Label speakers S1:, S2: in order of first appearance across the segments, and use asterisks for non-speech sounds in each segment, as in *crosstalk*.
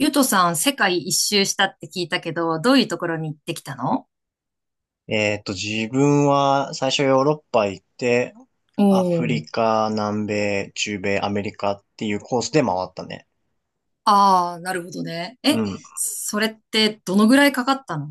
S1: ゆとさん、世界一周したって聞いたけど、どういうところに行ってきたの？
S2: 自分は最初ヨーロッパ行って、
S1: お
S2: アフ
S1: ー。
S2: リカ、南米、中米、アメリカっていうコースで回ったね。
S1: ああー、なるほどね。
S2: うん。
S1: それってどのぐらいかかったの？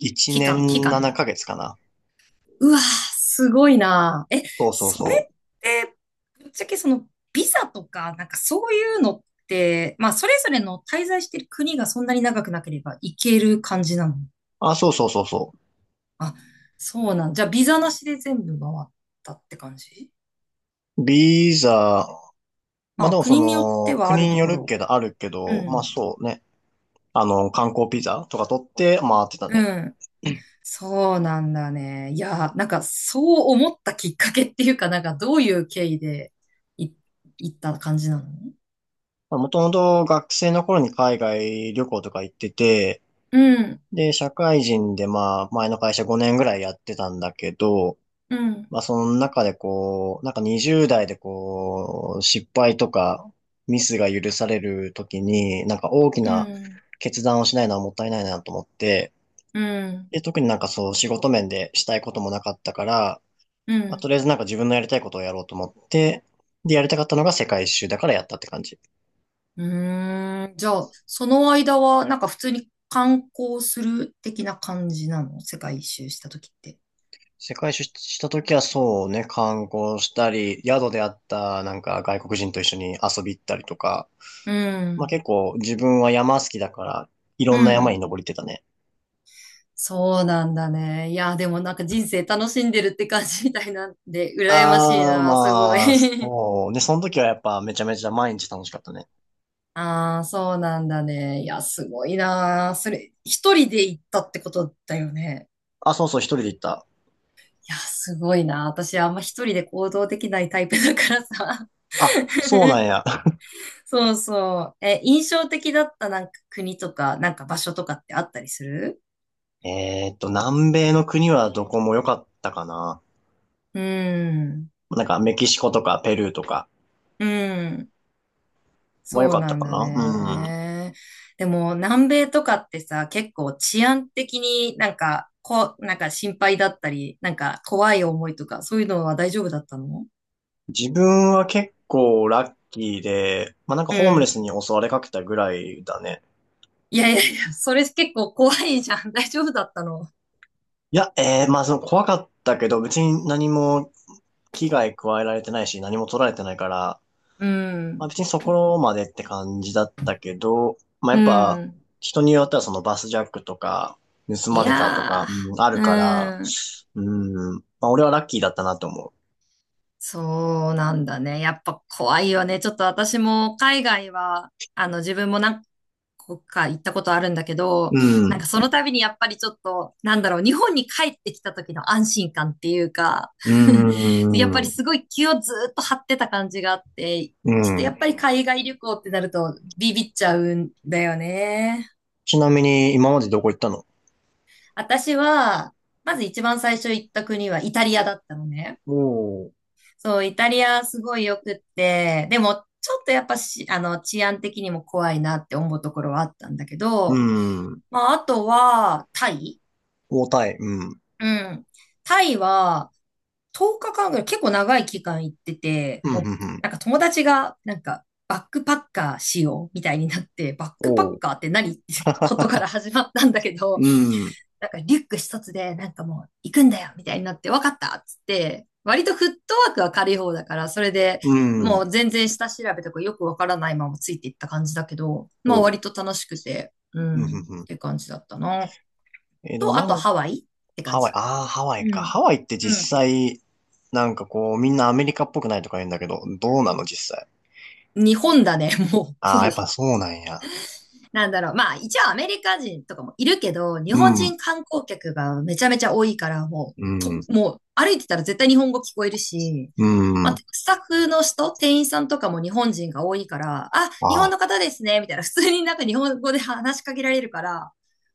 S2: 1
S1: 期間、期
S2: 年
S1: 間
S2: 7
S1: ね。
S2: ヶ月かげつかな。
S1: うわー、すごいなー。
S2: そうそう
S1: それ
S2: そ
S1: っ
S2: う。
S1: て、ぶっちゃけその、ビザとか、なんかそういうのって、まあ、それぞれの滞在してる国がそんなに長くなければ行ける感じなの？
S2: あ、そうそうそうそ
S1: あ、そうなん。じゃあ、ビザなしで全部回ったって感じ？
S2: う。ビザ、ま
S1: ま
S2: あで
S1: あ、
S2: もそ
S1: 国によって
S2: の、
S1: はある
S2: 国に
S1: と
S2: よ
S1: こ
S2: る
S1: ろ。
S2: けど、あるけ
S1: う
S2: ど、まあ
S1: ん。
S2: そうね。観光ビザとか取って回ってた
S1: う
S2: ね。
S1: ん。そうなんだね。いや、なんかそう思ったきっかけっていうか、なんかどういう経緯でい、行った感じなの？
S2: もともと学生の頃に海外旅行とか行ってて、
S1: うん、
S2: で、社会人でまあ、前の会社5年ぐらいやってたんだけど、
S1: うん、
S2: まあ、その中でこう、なんか20代でこう、失敗とかミスが許されるときに、なんか大き
S1: う
S2: な
S1: ん、
S2: 決断をしないのはもったいないなと思って、
S1: うん、
S2: で、特になんかそう、仕事面でしたいこともなかったから、
S1: う
S2: まあ、
S1: ん。
S2: とりあえずなんか自分のやりたいことをやろうと思って、で、やりたかったのが世界一周だからやったって感じ。
S1: うーん。じゃあ、その間は、なんか普通に観光する的な感じなの？世界一周した時って。
S2: 世界出張した時はそうね、観光したり、宿であったなんか外国人と一緒に遊び行ったりとか、
S1: う
S2: まあ
S1: ん、
S2: 結構自分は山好きだから、いろ
S1: う
S2: んな山
S1: ん。
S2: に登りってたね。
S1: そうなんだね。いや、でもなんか人生楽しんでるって感じみたいなんで、羨ましい
S2: ああ、
S1: な、すごい。
S2: まあ、
S1: *laughs*
S2: そう。で、その時はやっぱめちゃめちゃ毎日楽しかったね。
S1: ああ、そうなんだね。いや、すごいなー。それ、一人で行ったってことだよね。
S2: あ、そうそう、一人で行った。
S1: いや、すごいな。私、あんま一人で行動できないタイプだからさ。
S2: あ、そうなんや。
S1: *laughs* そうそう。印象的だったなんか国とか、なんか場所とかってあったりする？
S2: *laughs* 南米の国はどこも良かったかな。
S1: うん。
S2: なんかメキシコとかペルーとか
S1: うん。
S2: も良
S1: そう
S2: かっ
S1: な
S2: た
S1: ん
S2: か
S1: だ
S2: な。
S1: ね。でも、南米とかってさ、結構治安的になんか、こう、なんか心配だったり、なんか怖い思いとか、そういうのは大丈夫だったの？
S2: 自分は結構ラッキーで、まあ、なんか
S1: う
S2: ホームレス
S1: ん。
S2: に襲われかけたぐらいだね。
S1: いやいやいや、それ結構怖いじゃん。*laughs* 大丈夫だったの。
S2: いや、まあその怖かったけど、別に何も危害加えられてないし、何も取られてないから、
S1: う
S2: まあ
S1: ん。
S2: 別にそこまでって感じだったけど、まあ
S1: う
S2: やっぱ
S1: ん。
S2: 人によってはそのバスジャックとか、盗
S1: い
S2: まれたとか、
S1: や
S2: うん、あ
S1: ー、
S2: るから、
S1: うん。
S2: うん、まあ俺はラッキーだったなと思
S1: そうなんだね。やっぱ怖いよね。ちょっと私も海外は、自分も何個か行ったことあるんだけど、
S2: う。う
S1: なん
S2: ん、
S1: かその度にやっぱりちょっと、なんだろう、日本に帰ってきた時の安心感っていうか、
S2: う
S1: *laughs* やっぱ
S2: ん、
S1: り
S2: う
S1: すごい気をずーっと張ってた感じがあって、ちょっとや
S2: ん。
S1: っぱり海外旅行ってなるとビビっちゃうんだよね。
S2: ちなみに今までどこ行ったの？
S1: 私は、まず一番最初行った国はイタリアだったのね。
S2: おー。
S1: そう、イタリアすごい良くって、でもちょっとやっぱし、治安的にも怖いなって思うところはあったんだけ
S2: う
S1: ど、
S2: ん。
S1: まあ、あとは、タイ。
S2: 重たい。うん。
S1: うん。タイは、10日間ぐらい結構長い期間行ってて、
S2: うん、うん、
S1: もう、
S2: うん。
S1: なんか友達が、なんか、バックパッカーしようみたいになって、バックパッ
S2: おう。
S1: カーって何ってことか
S2: *laughs*
S1: ら始まったんだけど、
S2: うん、
S1: なんかリュック一つで、なんかもう行くんだよみたいになって、わかったっつって、割とフットワークは軽い方だから、それで
S2: う
S1: も
S2: ん。
S1: う全然下調べとかよくわからないままついていった感じだけど、まあ
S2: おう。
S1: 割と楽しくて、う
S2: うん、う
S1: ん、っ
S2: ん、うん。
S1: て感じだったな。
S2: でもな
S1: あと
S2: んか、
S1: ハワイって感
S2: ハワイ、
S1: じ。
S2: ああ、ハワイ
S1: う
S2: か。
S1: ん。
S2: ハワイって
S1: う
S2: 実
S1: ん。
S2: 際、なんかこう、みんなアメリカっぽくないとか言うんだけど、どうなの実際？
S1: 日本だね、もう、ほ
S2: ああ、や
S1: ぼ。
S2: っぱそうなんや。
S1: なんだろう。まあ、一応アメリカ人とかもいるけど、日
S2: う
S1: 本
S2: ん、
S1: 人観光客がめちゃめちゃ多いから、もう、
S2: うん、
S1: もう歩いてたら絶対日本語聞こえるし、
S2: う
S1: まあ、
S2: ん。
S1: スタッフの人、店員さんとかも日本人が多いから、あ、日本
S2: あ
S1: の方ですね、みたいな、普通になんか日本語で話しかけられるから、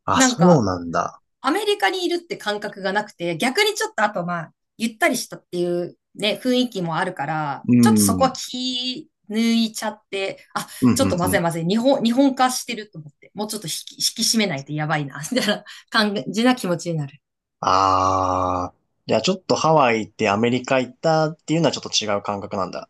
S2: あ、あ、
S1: なん
S2: そ
S1: か、
S2: うなんだ。
S1: アメリカにいるって感覚がなくて、逆にちょっとあとまあ、ゆったりしたっていうね、雰囲気もあるから、
S2: う
S1: ちょっ
S2: ん、
S1: とそ
S2: う
S1: こ
S2: ん、
S1: は気抜いちゃって、あ、
S2: う
S1: ちょっ
S2: ん、
S1: とま
S2: う
S1: ずい
S2: ん。
S1: まずい、日本化してると思って、もうちょっと引き締めないとやばいな、みたいな感じな気持ちになる。
S2: ああ、じゃあちょっとハワイってアメリカ行ったっていうのはちょっと違う感覚なんだ。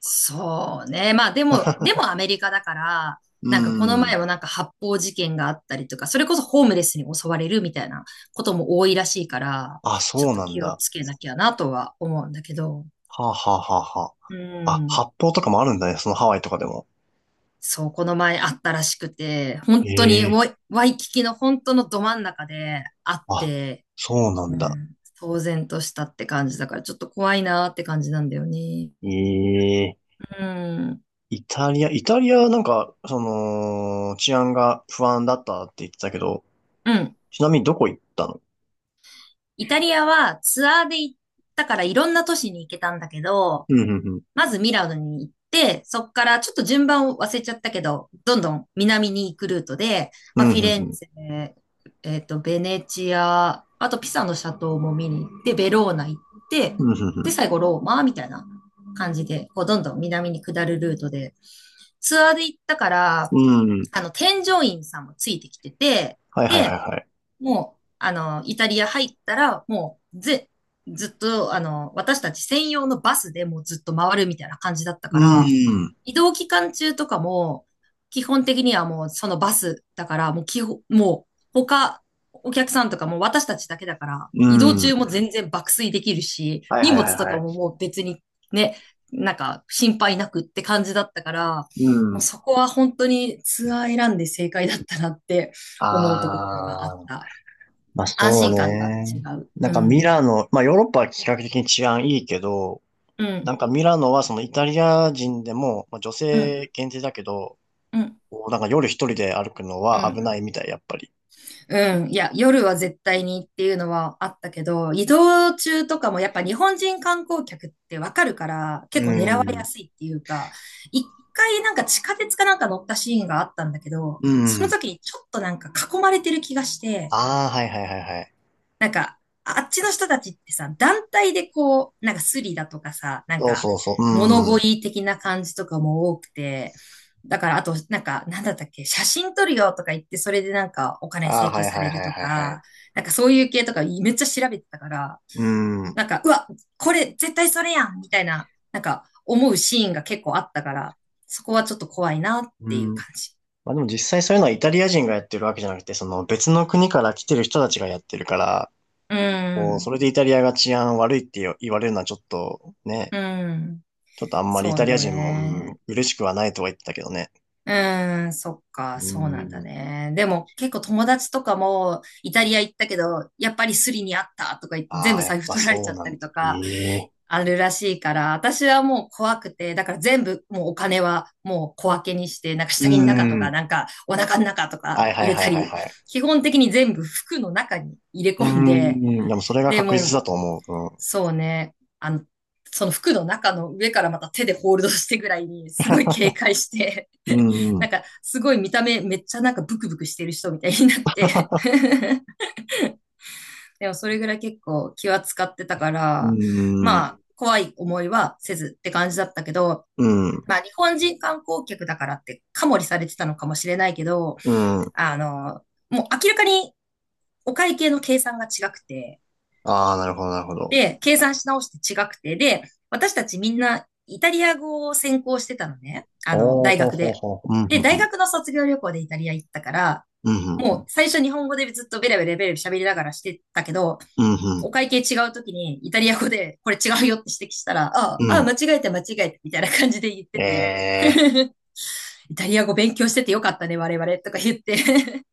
S1: そうね。まあでもアメリカだから、
S2: う
S1: なんかこの前
S2: ん。
S1: もなんか発砲事件があったりとか、それこそホームレスに襲われるみたいなことも多いらしいから、
S2: あ、
S1: ちょっ
S2: そう
S1: と
S2: なん
S1: 気を
S2: だ。
S1: つけなきゃなとは思うんだけど。
S2: はあ、はあ、はあ、は
S1: う
S2: あ。あ、
S1: ん。
S2: 発泡とかもあるんだね、そのハワイとかでも。
S1: そう、この前あったらしくて、本当に
S2: え
S1: ワ
S2: え、
S1: イ、ワイキキの本当のど真ん中であっ
S2: あ、
S1: て、
S2: そうな
S1: う
S2: んだ。
S1: ん。騒然としたって感じだから、ちょっと怖いなーって感じなんだよね。
S2: ええ、
S1: うん。
S2: イタリアなんか、その、治安が不安だったって言ってたけど、
S1: うん。
S2: ちなみにどこ行ったの？
S1: イタリアはツアーで行ったからいろんな都市に行けたんだけど、
S2: うん、うん、うん。
S1: まずミラノに行って、そこからちょっと順番を忘れちゃったけど、どんどん南に行くルートで、
S2: う
S1: まあ、
S2: ん、う
S1: フィ
S2: ん、
S1: レン
S2: うん。
S1: ツェ、ベネチア、あとピサのシャトーも見に行って、ベローナ行って、
S2: うん、う
S1: で、
S2: ん。
S1: 最後ローマみたいな感じで、こう、どんどん南に下るルートで、ツアーで行ったから、
S2: うん、うん、
S1: 添乗員さんもついてきてて、
S2: はいはいはい
S1: で、
S2: はい。
S1: もう、イタリア入ったら、もう、ずっと、私たち専用のバスでもうずっと回るみたいな感じだったか
S2: う
S1: ら、
S2: ん、
S1: 移動期間中とかも、基本的にはもうそのバスだから、もう他、お客さんとかも私たちだけだから、
S2: う
S1: 移動中
S2: ん。
S1: も全然爆睡できるし、
S2: はい
S1: 荷
S2: はいはい
S1: 物と
S2: は
S1: かも
S2: い。
S1: もう別にね、なんか心配なくって感じだったから、
S2: う
S1: もう
S2: ん。
S1: そこは本当にツアー選んで正解だったなって思うところではあ
S2: あ
S1: っ
S2: あ。
S1: た。
S2: まあ
S1: 安
S2: そう
S1: 心感が違
S2: ね。
S1: う。
S2: な
S1: う
S2: んか
S1: ん。
S2: ミラノ、まあヨーロッパは比較的に治安いいけど、
S1: う
S2: な
S1: ん。
S2: んかミラノはそのイタリア人でも、まあ、女
S1: うん。
S2: 性限定だけど、
S1: うん。
S2: こうなんか夜一人で歩くの
S1: う
S2: は危
S1: ん。
S2: ないみたい、やっぱり。
S1: うん。いや、夜は絶対にっていうのはあったけど、移動中とかもやっぱ日本人観光客ってわかるから、
S2: う
S1: 結構狙われや
S2: ん。
S1: すいっていうか、一回なんか地下鉄かなんか乗ったシーンがあったんだけど、
S2: う
S1: そ
S2: ん。
S1: の時にちょっとなんか囲まれてる気がして、
S2: ああ、はいはいはいはい。
S1: なんか、あっちの人たちってさ、団体でこう、なんかスリだとかさ、なん
S2: そう
S1: か
S2: そうそう。
S1: 物
S2: うん。
S1: 乞い的な感じとかも多くて、だからあと、なんか、なんだったっけ、写真撮るよとか言って、それでなんかお金
S2: ああ、
S1: 請
S2: は
S1: 求
S2: い
S1: さ
S2: はい
S1: れる
S2: はい
S1: と
S2: はいは
S1: か、
S2: い。
S1: なんかそういう系とかめっちゃ調べてたから、
S2: うん。
S1: なんか、うわ、これ絶対それやんみたいな、なんか思うシーンが結構あったから、そこはちょっと怖いなっ
S2: う
S1: ていう
S2: ん。
S1: 感じ。
S2: まあでも実際そういうのはイタリア人がやってるわけじゃなくて、その別の国から来てる人たちがやってるから、
S1: う
S2: こう、
S1: ん、
S2: それでイタリアが治安悪いって言われるのはちょっとね、
S1: うん、
S2: ちょっとあんまりイ
S1: そう
S2: タリア人も、うん、
S1: ね。
S2: 嬉しくはないとは言ってたけどね。
S1: うーん、そっか、
S2: う
S1: そうなんだ
S2: ん。
S1: ね。でも結構友達とかもイタリア行ったけど、やっぱりスリにあったとか言って
S2: あ
S1: 全部
S2: あ、やっ
S1: 財布
S2: ぱ
S1: 取られち
S2: そ
S1: ゃ
S2: う
S1: っ
S2: な
S1: た
S2: んだ。
S1: りと
S2: え
S1: か
S2: え、
S1: あるらしいから、私はもう怖くて、だから全部もうお金はもう小分けにして、なんか
S2: う
S1: 下着の中とか、
S2: ん。
S1: なんかお腹の中と
S2: は
S1: か
S2: いは
S1: 入
S2: い
S1: れ
S2: は
S1: た
S2: いはい
S1: り、
S2: はい。
S1: 基本的に全部服の中に入れ
S2: う
S1: 込んで、
S2: ん。でもそれが
S1: で、
S2: 確
S1: も
S2: 実
S1: う、
S2: だと思
S1: そうね。その服の中の上からまた手でホールドしてぐらいに、すごい警戒して、
S2: う。う
S1: *laughs*
S2: ん。う
S1: なん
S2: ん、
S1: か、すごい見た目めっちゃなんかブクブクしてる人みたいになって *laughs* でもそれぐらい結構気は使ってたか
S2: う
S1: ら、ま
S2: ん。
S1: あ、怖い思いはせずって感じだったけど、
S2: うーん。
S1: まあ、日本人観光客だからってカモリされてたのかもしれないけど、
S2: うん。うん。
S1: あの、もう明らかにお会計の計算が違くて、
S2: ああ、なるほど、なるほど。
S1: で、計算し直して違くて、で、私たちみんなイタリア語を専攻してたのね。
S2: おー、
S1: 大
S2: ほう
S1: 学
S2: ほう
S1: で。
S2: ほう。うん、ふ
S1: で、
S2: んふ
S1: 大
S2: ん。
S1: 学の卒業旅行でイタリア行ったから、
S2: うん、ふ
S1: も
S2: ん
S1: う最初日本語でずっとベラベラベラベラ喋りながらしてたけど、
S2: ふん。うん、ふん。
S1: お会計違う時にイタリア語でこれ違うよって指摘したら、ああ、
S2: う
S1: ああ
S2: ん。
S1: 間違えた間違えたみたいな感じで言ってて、
S2: ええ、
S1: *laughs* イタリア語勉強しててよかったね、我々とか言って *laughs*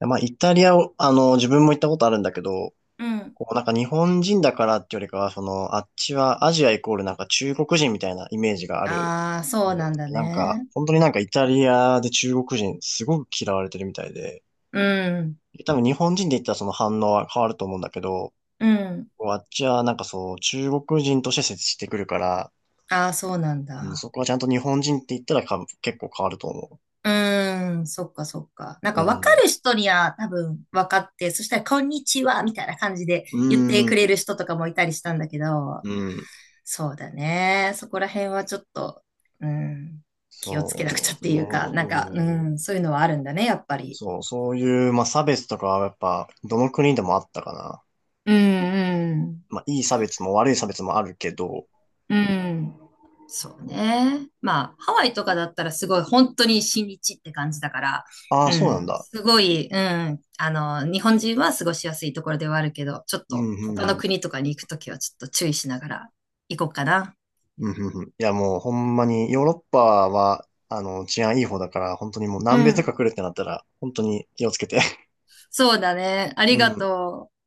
S2: まあ、イタリアを、自分も行ったことあるんだけど、
S1: うん。
S2: こうなんか日本人だからってよりかは、あっちはアジアイコールなんか中国人みたいなイメージがある。
S1: ああ、そ
S2: う
S1: う
S2: ん、
S1: なんだ
S2: なんか、
S1: ね。
S2: 本当になんかイタリアで中国人すごく嫌われてるみたいで、
S1: うん。
S2: 多分日本人で言ったらその反応は変わると思うんだけど、
S1: うん。
S2: こうあっちはなんかそう、中国人として接してくるから、
S1: ああ、そうなん
S2: うん、
S1: だ。
S2: そこはちゃんと日本人って言ったらか結構変わると思
S1: うーん、そっかそっか。なん
S2: う。う
S1: か分か
S2: ん。
S1: る人には多分分かって、そしたらこんにちはみたいな感じで
S2: う
S1: 言ってくれ
S2: ん。
S1: る人とかもいたりしたんだけど、
S2: うん。
S1: そうだね。そこら辺はちょっと、うん、気をつけなくち
S2: そ
S1: ゃっ
S2: う
S1: ていうか、なんか、う
S2: ね。
S1: ん、そういうのはあるんだね、やっぱり。
S2: そう、そういう、まあ、差別とかはやっぱ、どの国でもあったかな。
S1: うん、うん。
S2: まあ、いい差別も悪い差別もあるけど、
S1: うん。そうね。まあ、ハワイとかだったらすごい、本当に親日って感じだから、
S2: ああ、
S1: う
S2: そうなん
S1: ん。
S2: だ。
S1: すごい、うん。日本人は過ごしやすいところではあるけど、ちょっ
S2: う
S1: と
S2: ん、う
S1: 他
S2: ん、
S1: の
S2: うん。
S1: 国とかに行くときはちょっと注意しながら行こうかな。
S2: うん、うん、うん。いや、もうほんまに、ヨーロッパは、治安いい方だから、本当にもう
S1: う
S2: 南米と
S1: ん。
S2: か来るってなったら、本当に気をつけて。*laughs*
S1: そうだね。あり
S2: う
S1: が
S2: ん。
S1: とう。